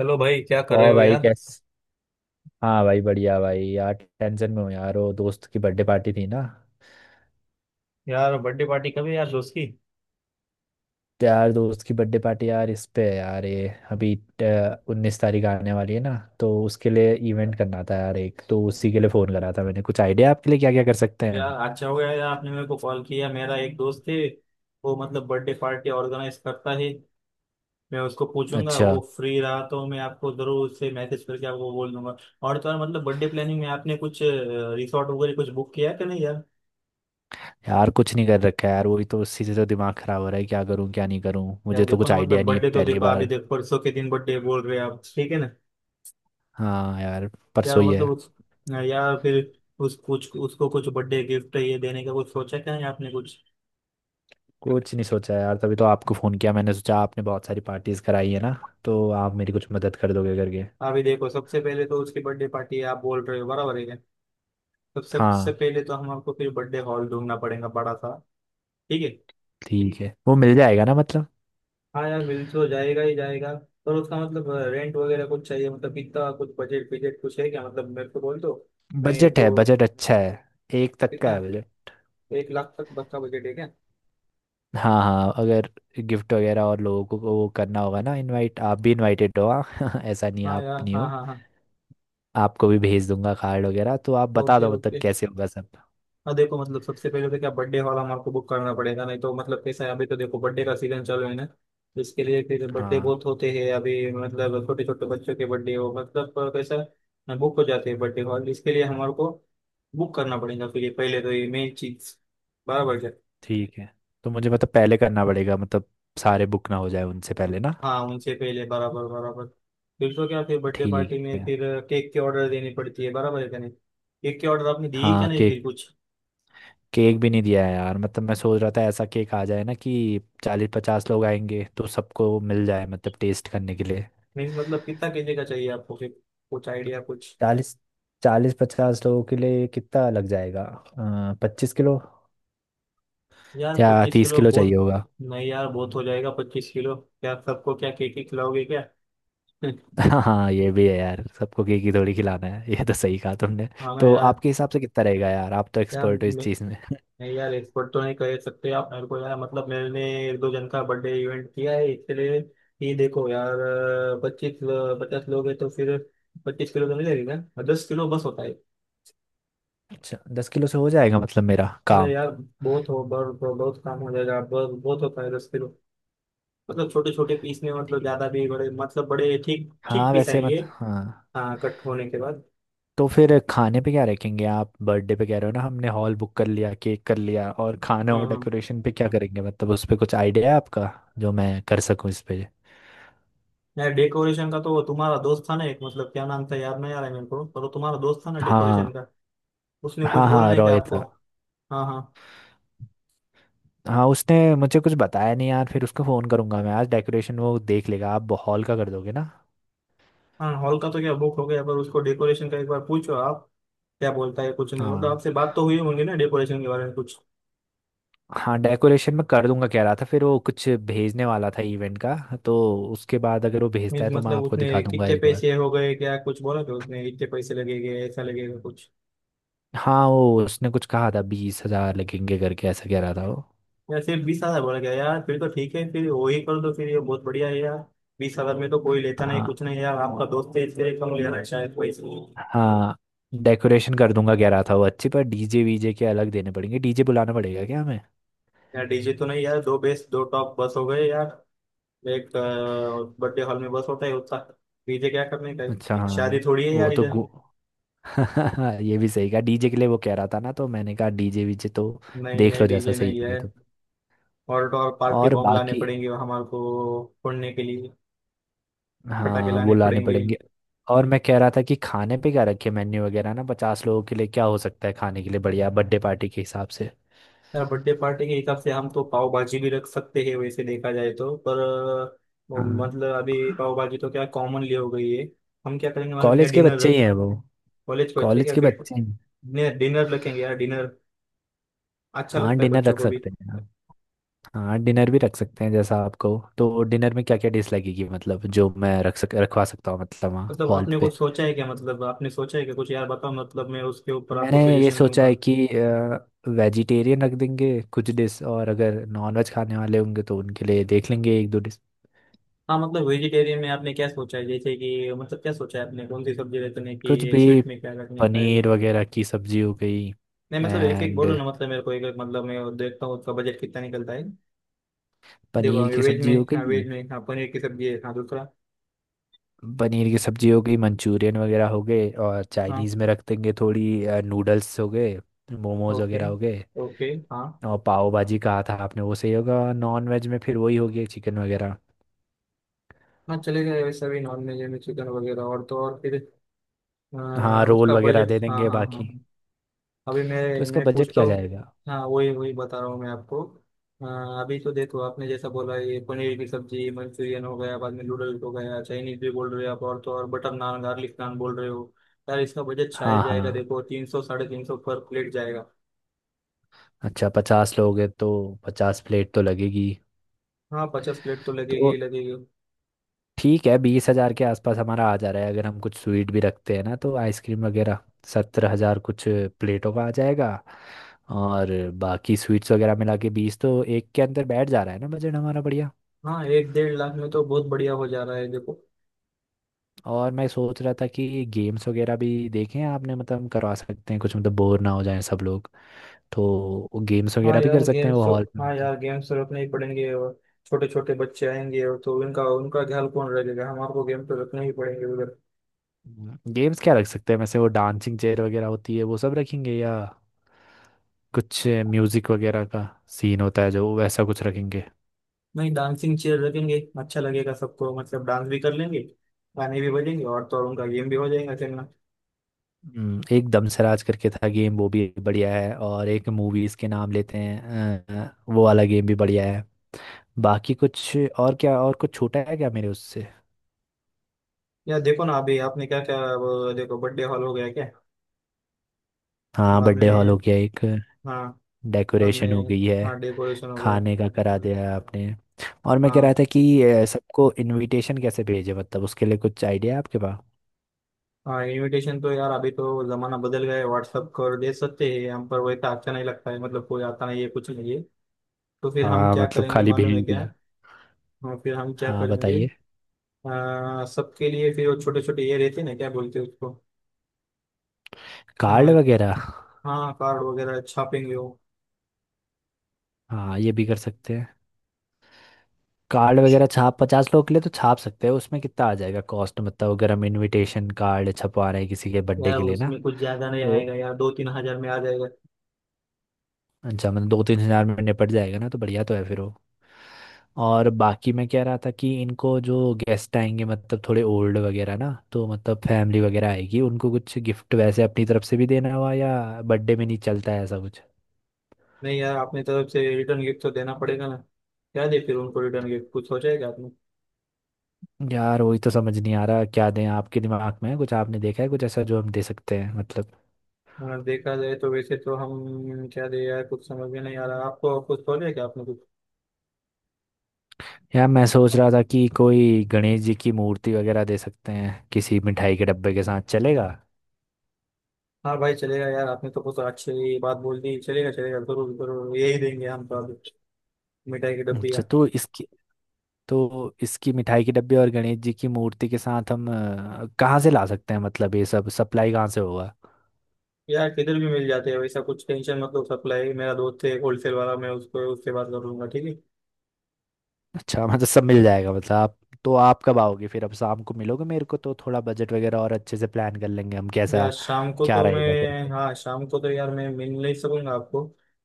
Hello भाई, क्या कर रहे और हो भाई यार। कैस। हाँ भाई, बढ़िया भाई, यार टेंशन में हूँ यार। वो दोस्त की बर्थडे पार्टी थी ना, यार, बर्थडे पार्टी कभी यार दोस्त की। तो यार दोस्त की बर्थडे पार्टी यार इस पे है यार, ये अभी 19 तारीख आने वाली है ना। तो उसके लिए इवेंट करना था यार, एक तो उसी के लिए फ़ोन करा था मैंने। कुछ आइडिया आपके लिए क्या क्या कर सकते हैं यार हम। अच्छा हो गया यार आपने मेरे को कॉल किया। मेरा एक दोस्त है, वो बर्थडे पार्टी ऑर्गेनाइज करता है। मैं उसको पूछूंगा, अच्छा। वो फ्री रहा तो मैं आपको जरूर उससे मैसेज करके आपको बोल दूंगा। और तो और मतलब बर्थडे प्लानिंग में आपने कुछ रिसोर्ट वगैरह कुछ बुक किया है कि नहीं यार? यार कुछ नहीं कर रखा है यार, वही तो उसी से तो दिमाग ख़राब हो रहा है, क्या करूँ क्या नहीं करूँ, यार मुझे तो देखो कुछ ना, आइडिया मतलब नहीं है, बर्थडे तो पहली देखो, अभी बार। देखो परसों के दिन बर्थडे बोल रहे हैं आप, ठीक है ना। हाँ यार, यार परसों वो ही मतलब है। उस यार फिर उस कुछ उसको कुछ बर्थडे गिफ्ट ये देने का कुछ सोचा क्या नहीं आपने कुछ? कुछ नहीं सोचा यार, तभी तो आपको फ़ोन किया मैंने, सोचा आपने बहुत सारी पार्टीज़ कराई है ना, तो आप मेरी कुछ मदद कर दोगे करके। अभी देखो, सबसे पहले तो उसकी बर्थडे पार्टी है आप बोल रहे हो, बराबर है क्या? सबसे सबसे हाँ। पहले तो हम आपको फिर बर्थडे हॉल ढूंढना पड़ेगा बड़ा सा। ठीक है। ठीक है, वो मिल जाएगा ना मतलब। हाँ यार, मिल तो जाएगा ही जाएगा। पर उसका मतलब रेंट वगैरह कुछ चाहिए, मतलब कितना कुछ बजट बजट कुछ है क्या, मतलब मेरे को बोल दो। मैं बजट है, तो बजट अच्छा है। एक तक का कितना? है बजट। 1,00,000 तक बस का बजट है क्या? हाँ हाँ, अगर गिफ्ट वगैरह और लोगों को वो करना होगा ना इनवाइट, आप भी इनवाइटेड हो हाँ ऐसा नहीं, हाँ आप यार, नहीं हाँ हो। हाँ हाँ। आपको भी भेज दूंगा कार्ड वगैरह, तो आप बता ओके दो मतलब ओके। कैसे होगा सब। हाँ देखो, मतलब सबसे पहले तो क्या बर्थडे वाला हमारे को बुक करना पड़ेगा, नहीं तो मतलब कैसा है, अभी तो देखो बर्थडे का सीजन चल रहा है ना, तो इसके लिए फिर बर्थडे हाँ बहुत होते हैं अभी, मतलब छोटे छोटे बच्चों के बर्थडे हो, मतलब कैसा बुक हो जाते हैं बर्थडे हॉल, इसके लिए हमारे को बुक करना पड़ेगा। फिर ये पहले तो ये मेन चीज। बराबर है। ठीक है। तो मुझे मतलब पहले करना पड़ेगा मतलब, सारे बुक ना हो जाए उनसे पहले ना। हाँ उनसे पहले, बराबर बराबर। फिर तो क्या, फिर बर्थडे ठीक पार्टी में है। फिर केक के ऑर्डर देनी पड़ती है, बराबर है क्या? नहीं, केक के ऑर्डर आपने दी क्या हाँ नहीं केक, फिर कुछ? केक भी नहीं दिया है यार, मतलब मैं सोच रहा था ऐसा केक आ जाए ना कि 40-50 लोग आएंगे तो सबको मिल जाए मतलब टेस्ट करने के लिए। मीन्स मतलब कितना केजी का चाहिए आपको फिर, कुछ आइडिया कुछ? 40, 40-50 लोगों के लिए कितना लग जाएगा। 25 किलो यार या पच्चीस तीस किलो किलो चाहिए बहुत। होगा। नहीं यार, बहुत हो जाएगा 25 किलो। क्या सबको क्या केक ही खिलाओगे क्या? हाँ ये भी है यार, सबको केक ही थोड़ी खिलाना है, ये तो सही कहा तुमने। हाँ ना तो यार। आपके हिसाब से कितना रहेगा यार, आप तो यार एक्सपर्ट हो इस मैं- चीज़ में। नहीं यार, एक्सपर्ट तो नहीं कर सकते आप मेरे को यार, मतलब मैंने एक दो जन का बर्थडे इवेंट किया है इसलिए। ये देखो यार, पच्चीस पचास लोग हैं तो फिर 25 किलो तो नहीं लगेगा, 10 किलो बस होता है। अच्छा, 10 किलो से हो जाएगा मतलब मेरा अरे काम। यार, बहुत काम हो जाएगा, बहुत बहुत होता है 10 किलो। मतलब छोटे छोटे पीस में, मतलब ज्यादा भी बड़े मतलब बड़े ठीक ठीक हाँ पीस वैसे ठीक आएंगे। मत, हाँ। हाँ कट होने के बाद। तो फिर खाने पे क्या रखेंगे आप बर्थडे पे, कह रहे हो ना हमने हॉल बुक कर लिया, केक कर लिया, और खाना हाँ और हाँ, डेकोरेशन पे क्या करेंगे, मतलब उस पे कुछ आइडिया है आपका जो मैं कर सकूं इस पे। यार डेकोरेशन का तो वो तुम्हारा दोस्त था ना एक, मतलब क्या नाम था याद नहीं आ रहा है मेरे को, पर वो तुम्हारा दोस्त था ना हाँ डेकोरेशन का। उसने कुछ हाँ। बोला हाँ, नहीं क्या रॉय आपको? था। हाँ हाँ। हाँ उसने मुझे कुछ बताया नहीं यार, फिर उसको फ़ोन करूंगा मैं आज, डेकोरेशन वो देख लेगा, आप हॉल का कर दोगे ना। हाँ हॉल का तो क्या बुक हो गया, पर उसको डेकोरेशन का एक बार पूछो आप, क्या बोलता है कुछ? नहीं मतलब हाँ। आपसे बात तो हुई होंगी ना डेकोरेशन के बारे में कुछ? हाँ डेकोरेशन में कर दूंगा कह रहा था, फिर वो कुछ भेजने वाला था इवेंट का। तो उसके बाद अगर वो भेजता मीन्स है तो मैं मतलब आपको दिखा उसने दूंगा कितने एक बार। पैसे हो गए क्या कुछ बोला क्या, उसने इतने पैसे लगेंगे ऐसा लगेगा कुछ? हाँ, वो उसने कुछ कहा था, 20,000 लगेंगे करके ऐसा कह रहा था वो। या सिर्फ 20,000 बोला क्या यार? फिर तो ठीक है, फिर वही कर दो, फिर ये बहुत बढ़िया है यार। बीस हजार में तो कोई लेता नहीं हाँ। कुछ नहीं, यार आपका दोस्त है इसलिए कम ले रहा है शायद पैसे। हाँ, डेकोरेशन कर दूंगा कह रहा था वो, अच्छी। पर डीजे वीजे के अलग देने पड़ेंगे, डीजे बुलाना पड़ेगा क्या हमें। यार डीजे तो नहीं यार, दो बेस दो टॉप बस हो गए यार। एक बर्थडे हॉल में बस होता है उतना, डीजे क्या करने का है? अच्छा शादी हाँ, थोड़ी है वो यार तो अच्छा इधर। गु- ये भी सही कहा, डीजे के लिए वो कह रहा था ना तो मैंने कहा डीजे वीजे तो नहीं देख नहीं, लो जैसा डीजे सही नहीं है। लगे तो। और तो और पार्टी और बॉम्ब लाने बाकी, पड़ेंगे हमारे को फोड़ने के लिए। पटाखे हाँ वो लाने लाने पड़ेंगे। पड़ेंगे। और मैं कह रहा था कि खाने पे क्या रखे मेन्यू वगैरह ना, 50 लोगों के लिए क्या हो सकता है खाने के लिए बढ़िया बर्थडे पार्टी के हिसाब से। यार बर्थडे पार्टी के हिसाब से हम तो पाव भाजी भी रख सकते हैं, वैसे देखा जाए तो, पर वो हाँ मतलब अभी पाव भाजी तो क्या कॉमनली हो गई है। हम क्या करेंगे मालूम है क्या, कॉलेज के डिनर बच्चे ही रख। हैं वो, कॉलेज को अच्छे कॉलेज क्या के फिर, बच्चे हैं। डिनर रखेंगे यार, डिनर अच्छा हाँ लगता है डिनर बच्चों रख को भी। सकते हैं। हाँ डिनर भी रख सकते हैं जैसा आपको। तो डिनर में क्या क्या डिश लगेगी मतलब जो मैं रख सक रखवा सकता हूँ मतलब वहाँ मतलब हॉल आपने पे। कुछ सोचा है क्या, मतलब आपने सोचा है कि कुछ यार बताओ, मतलब मैं उसके ऊपर आपको मैंने ये सजेशन सोचा दूंगा। है कि वेजिटेरियन रख देंगे कुछ डिश, और अगर नॉनवेज खाने वाले होंगे तो उनके लिए देख लेंगे एक दो डिश। हाँ मतलब वेजिटेरियन में आपने क्या सोचा है, जैसे कि मतलब क्या सोचा है आपने, कौन सी सब्जी रखने की कुछ है, भी, स्वीट में क्या रखने का है? पनीर वगैरह की सब्जी हो गई। नहीं मतलब एक एक एंड, बोलो ना, मतलब मेरे को एक एक, मतलब मैं देखता हूँ उसका बजट कितना निकलता है। देखो पनीर अभी की वेज में, सब्जी हो हाँ वेज गई। में, हाँ पनीर की सब्जी है, हाँ दूसरा? पनीर की सब्जी हो गई, मंचूरियन वगैरह हो गए, और हाँ चाइनीज़ में रख देंगे थोड़ी, नूडल्स हो गए, मोमोज ओके वगैरह हो गए। ओके। हाँ और पाव भाजी कहा था आपने, वो सही होगा। नॉन वेज में फिर वही होगी, चिकन वगैरह। हाँ, चलेगा वैसा भी, नॉन वेज में चिकन वगैरह। और तो और फिर अ, हाँ रोल उसका वगैरह बजट, दे हाँ देंगे हाँ हाँ, बाकी। अभी तो मैं इसका मैं बजट पूछता क्या हूँ। जाएगा। हाँ वही वही बता रहा हूँ मैं आपको। हाँ, अभी तो देखो, आपने जैसा बोला, ये पनीर की सब्जी, मंचूरियन हो गया, बाद में नूडल्स हो गया, चाइनीज भी बोल रहे हो आप, और तो और बटर नान गार्लिक नान बोल रहे हो। यार इसका बजट शायद हाँ हाँ। जाएगा, देखो 300 350 पर प्लेट जाएगा। अच्छा, 50 लोग हैं तो 50 प्लेट तो लगेगी। हाँ 50 प्लेट तो लगेगी तो ही लगेगी। ठीक है, 20,000 के आसपास हमारा आ जा रहा है, अगर हम कुछ स्वीट भी रखते हैं ना तो आइसक्रीम वगैरह। 17,000 कुछ प्लेटों का आ जाएगा, और बाकी स्वीट्स वगैरह मिला के बीस, तो एक के अंदर बैठ जा रहा है ना बजट हमारा, बढ़िया। हाँ, एक 1,50,000 में तो बहुत बढ़िया हो जा रहा है देखो। और मैं सोच रहा था कि गेम्स वगैरह भी देखें आपने, मतलब हम करवा सकते हैं कुछ, मतलब बोर ना हो जाएं सब लोग, तो गेम्स हाँ वगैरह भी कर यार सकते हैं वो गेम्स तो, हॉल में हाँ तो। यार गेम्स तो रखने ही पड़ेंगे। और छोटे छोटे बच्चे आएंगे और तो उनका उनका ख्याल कौन रखेगा, हमारे को गेम तो रखने ही पड़ेंगे उधर। गेम्स क्या रख सकते हैं वैसे, वो डांसिंग चेयर वगैरह होती है वो सब रखेंगे, या कुछ म्यूजिक वगैरह का सीन होता है जो, वैसा कुछ रखेंगे। नहीं, डांसिंग चेयर रखेंगे अच्छा लगेगा सबको, मतलब डांस भी कर लेंगे, गाने भी बजेंगे, और तो और उनका गेम भी हो जाएगा खेलना। एक दमसराज करके था गेम, वो भी बढ़िया है, और एक मूवीज के नाम लेते हैं वो वाला गेम भी बढ़िया है। बाकी कुछ और क्या, और कुछ छोटा है क्या मेरे उससे। यार देखो ना, अभी आपने क्या क्या वो, देखो बर्थडे हॉल हो गया क्या? हाँ बाद बर्थडे हॉल हो में, गया एक, हाँ, बाद डेकोरेशन हो में, गई हाँ है, डेकोरेशन हो गया। खाने का करा दिया है आपने। और मैं कह रहा हाँ था कि सबको इनविटेशन कैसे भेजे मतलब उसके लिए कुछ आइडिया है आपके पास। हाँ, इनविटेशन तो यार अभी तो जमाना बदल गया है, व्हाट्सअप कर दे सकते हैं हम, पर वैसा अच्छा नहीं लगता है, मतलब कोई आता नहीं है कुछ नहीं है। तो फिर हम हाँ क्या मतलब करेंगे खाली मालूम है भेज क्या? दिया। हाँ फिर हम क्या हाँ करेंगे, बताइए। सबके लिए फिर वो छोटे छोटे ये रहते हैं ना, क्या बोलते हैं उसको? कार्ड हाँ, वगैरह। हाँ कार्ड वगैरह छापेंगे वो। हाँ ये भी कर सकते हैं, कार्ड वगैरह छाप 50 लोग के लिए तो छाप सकते हैं, उसमें कितना आ जाएगा कॉस्ट, मतलब अगर हम इनविटेशन कार्ड छपवा रहे हैं किसी के बर्थडे यार के लिए ना। उसमें कुछ ज्यादा नहीं तो आएगा यार, दो तीन हजार में आ जाएगा। अच्छा, मतलब 2-3 हजार में निपट जाएगा ना, तो बढ़िया तो है फिर वो। और बाकी मैं कह रहा था कि इनको जो गेस्ट आएंगे मतलब थोड़े ओल्ड वगैरह ना तो मतलब फैमिली वगैरह आएगी, उनको कुछ गिफ्ट वैसे अपनी तरफ से भी देना हुआ, या बर्थडे में नहीं चलता है ऐसा कुछ। नहीं यार, अपनी तरफ से रिटर्न गिफ्ट तो देना पड़ेगा ना। क्या दे फिर उनको रिटर्न गिफ्ट, कुछ हो जाएगा आपने? यार वही तो समझ नहीं आ रहा क्या दें, आपके दिमाग में है कुछ, आपने देखा है कुछ ऐसा जो हम दे सकते हैं मतलब। हाँ, देखा जाए तो, वैसे तो हम क्या दे यार, कुछ समझ में नहीं आ रहा, आपको कुछ हो जाएगा आपने कुछ? यार मैं सोच रहा था कि कोई गणेश जी की मूर्ति वगैरह दे सकते हैं किसी मिठाई के डब्बे के साथ, चलेगा। हाँ भाई चलेगा यार, आपने तो कुछ अच्छी बात बोल दी, चलेगा चलेगा जरूर जरूर, यही देंगे हम तो अभी, मिठाई की डब्बी अच्छा यार। तो इसकी, तो इसकी मिठाई के डब्बे और गणेश जी की मूर्ति के साथ हम कहाँ से ला सकते हैं, मतलब ये सब सप्लाई कहाँ से होगा। यार किधर भी मिल जाते हैं वैसा कुछ, टेंशन मतलब सप्लाई, मेरा दोस्त है एक होलसेल वाला, मैं उसको उससे बात कर लूंगा, ठीक है। अच्छा मतलब सब मिल जाएगा मतलब, आप। तो आप कब आओगे फिर, अब शाम को मिलोगे मेरे को तो थोड़ा बजट वगैरह और अच्छे से प्लान कर लेंगे हम, कैसा यार शाम को क्या तो रहेगा मैं, करके। हाँ शाम को तो यार मैं मिल नहीं सकूंगा आपको।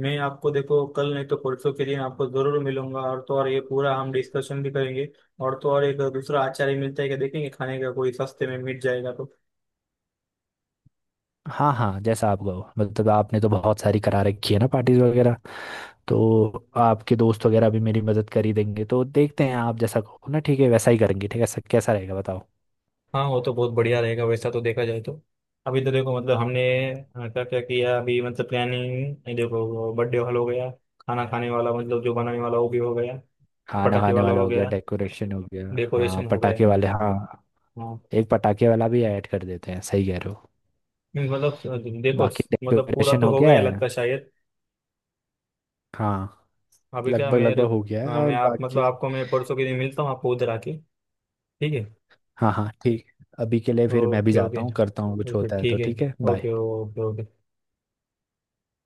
मैं आपको देखो कल नहीं तो परसों के दिन आपको जरूर मिलूंगा, और तो और ये पूरा हम डिस्कशन भी करेंगे। और तो और एक दूसरा आचार्य मिलता है क्या देखेंगे, खाने का कोई सस्ते में मिल जाएगा तो। हाँ हाँ जैसा आप कहो, मतलब आपने तो बहुत सारी करा रखी है ना पार्टीज वगैरह, तो आपके दोस्त वगैरह भी मेरी मदद कर ही देंगे, तो देखते हैं आप जैसा कहो ना, ठीक है वैसा ही करेंगे, ठीक है सब, कैसा रहेगा बताओ। हाँ वो तो बहुत बढ़िया रहेगा वैसा, तो देखा जाए तो। अभी तो देखो मतलब हमने क्या क्या किया अभी, मतलब प्लानिंग देखो, बर्थडे हॉल हो गया, खाना खाने वाला मतलब जो बनाने वाला वो भी हो गया, खाना पटाखे खाने वाला वाला हो हो गया, गया, डेकोरेशन हो गया। हाँ डेकोरेशन हो गया। पटाखे वाले, हाँ एक पटाखे वाला भी ऐड कर देते हैं, सही कह रहे हो। नहीं मतलब देखो, बाकी मतलब पूरा डेकोरेशन तो हो हो गया गया है। लगता है शायद। हाँ अभी क्या लगभग मेरे, लगभग हो गया है, हाँ, मैं और आप बाकी। मतलब आपको मैं परसों के दिन मिलता हूँ आपको उधर आके, ठीक है। हाँ हाँ ठीक, अभी के लिए फिर मैं भी ओके जाता ओके। हूँ, करता हूँ कुछ, ओके होता है तो ठीक है। ठीक है, ओके बाय। Okay okay.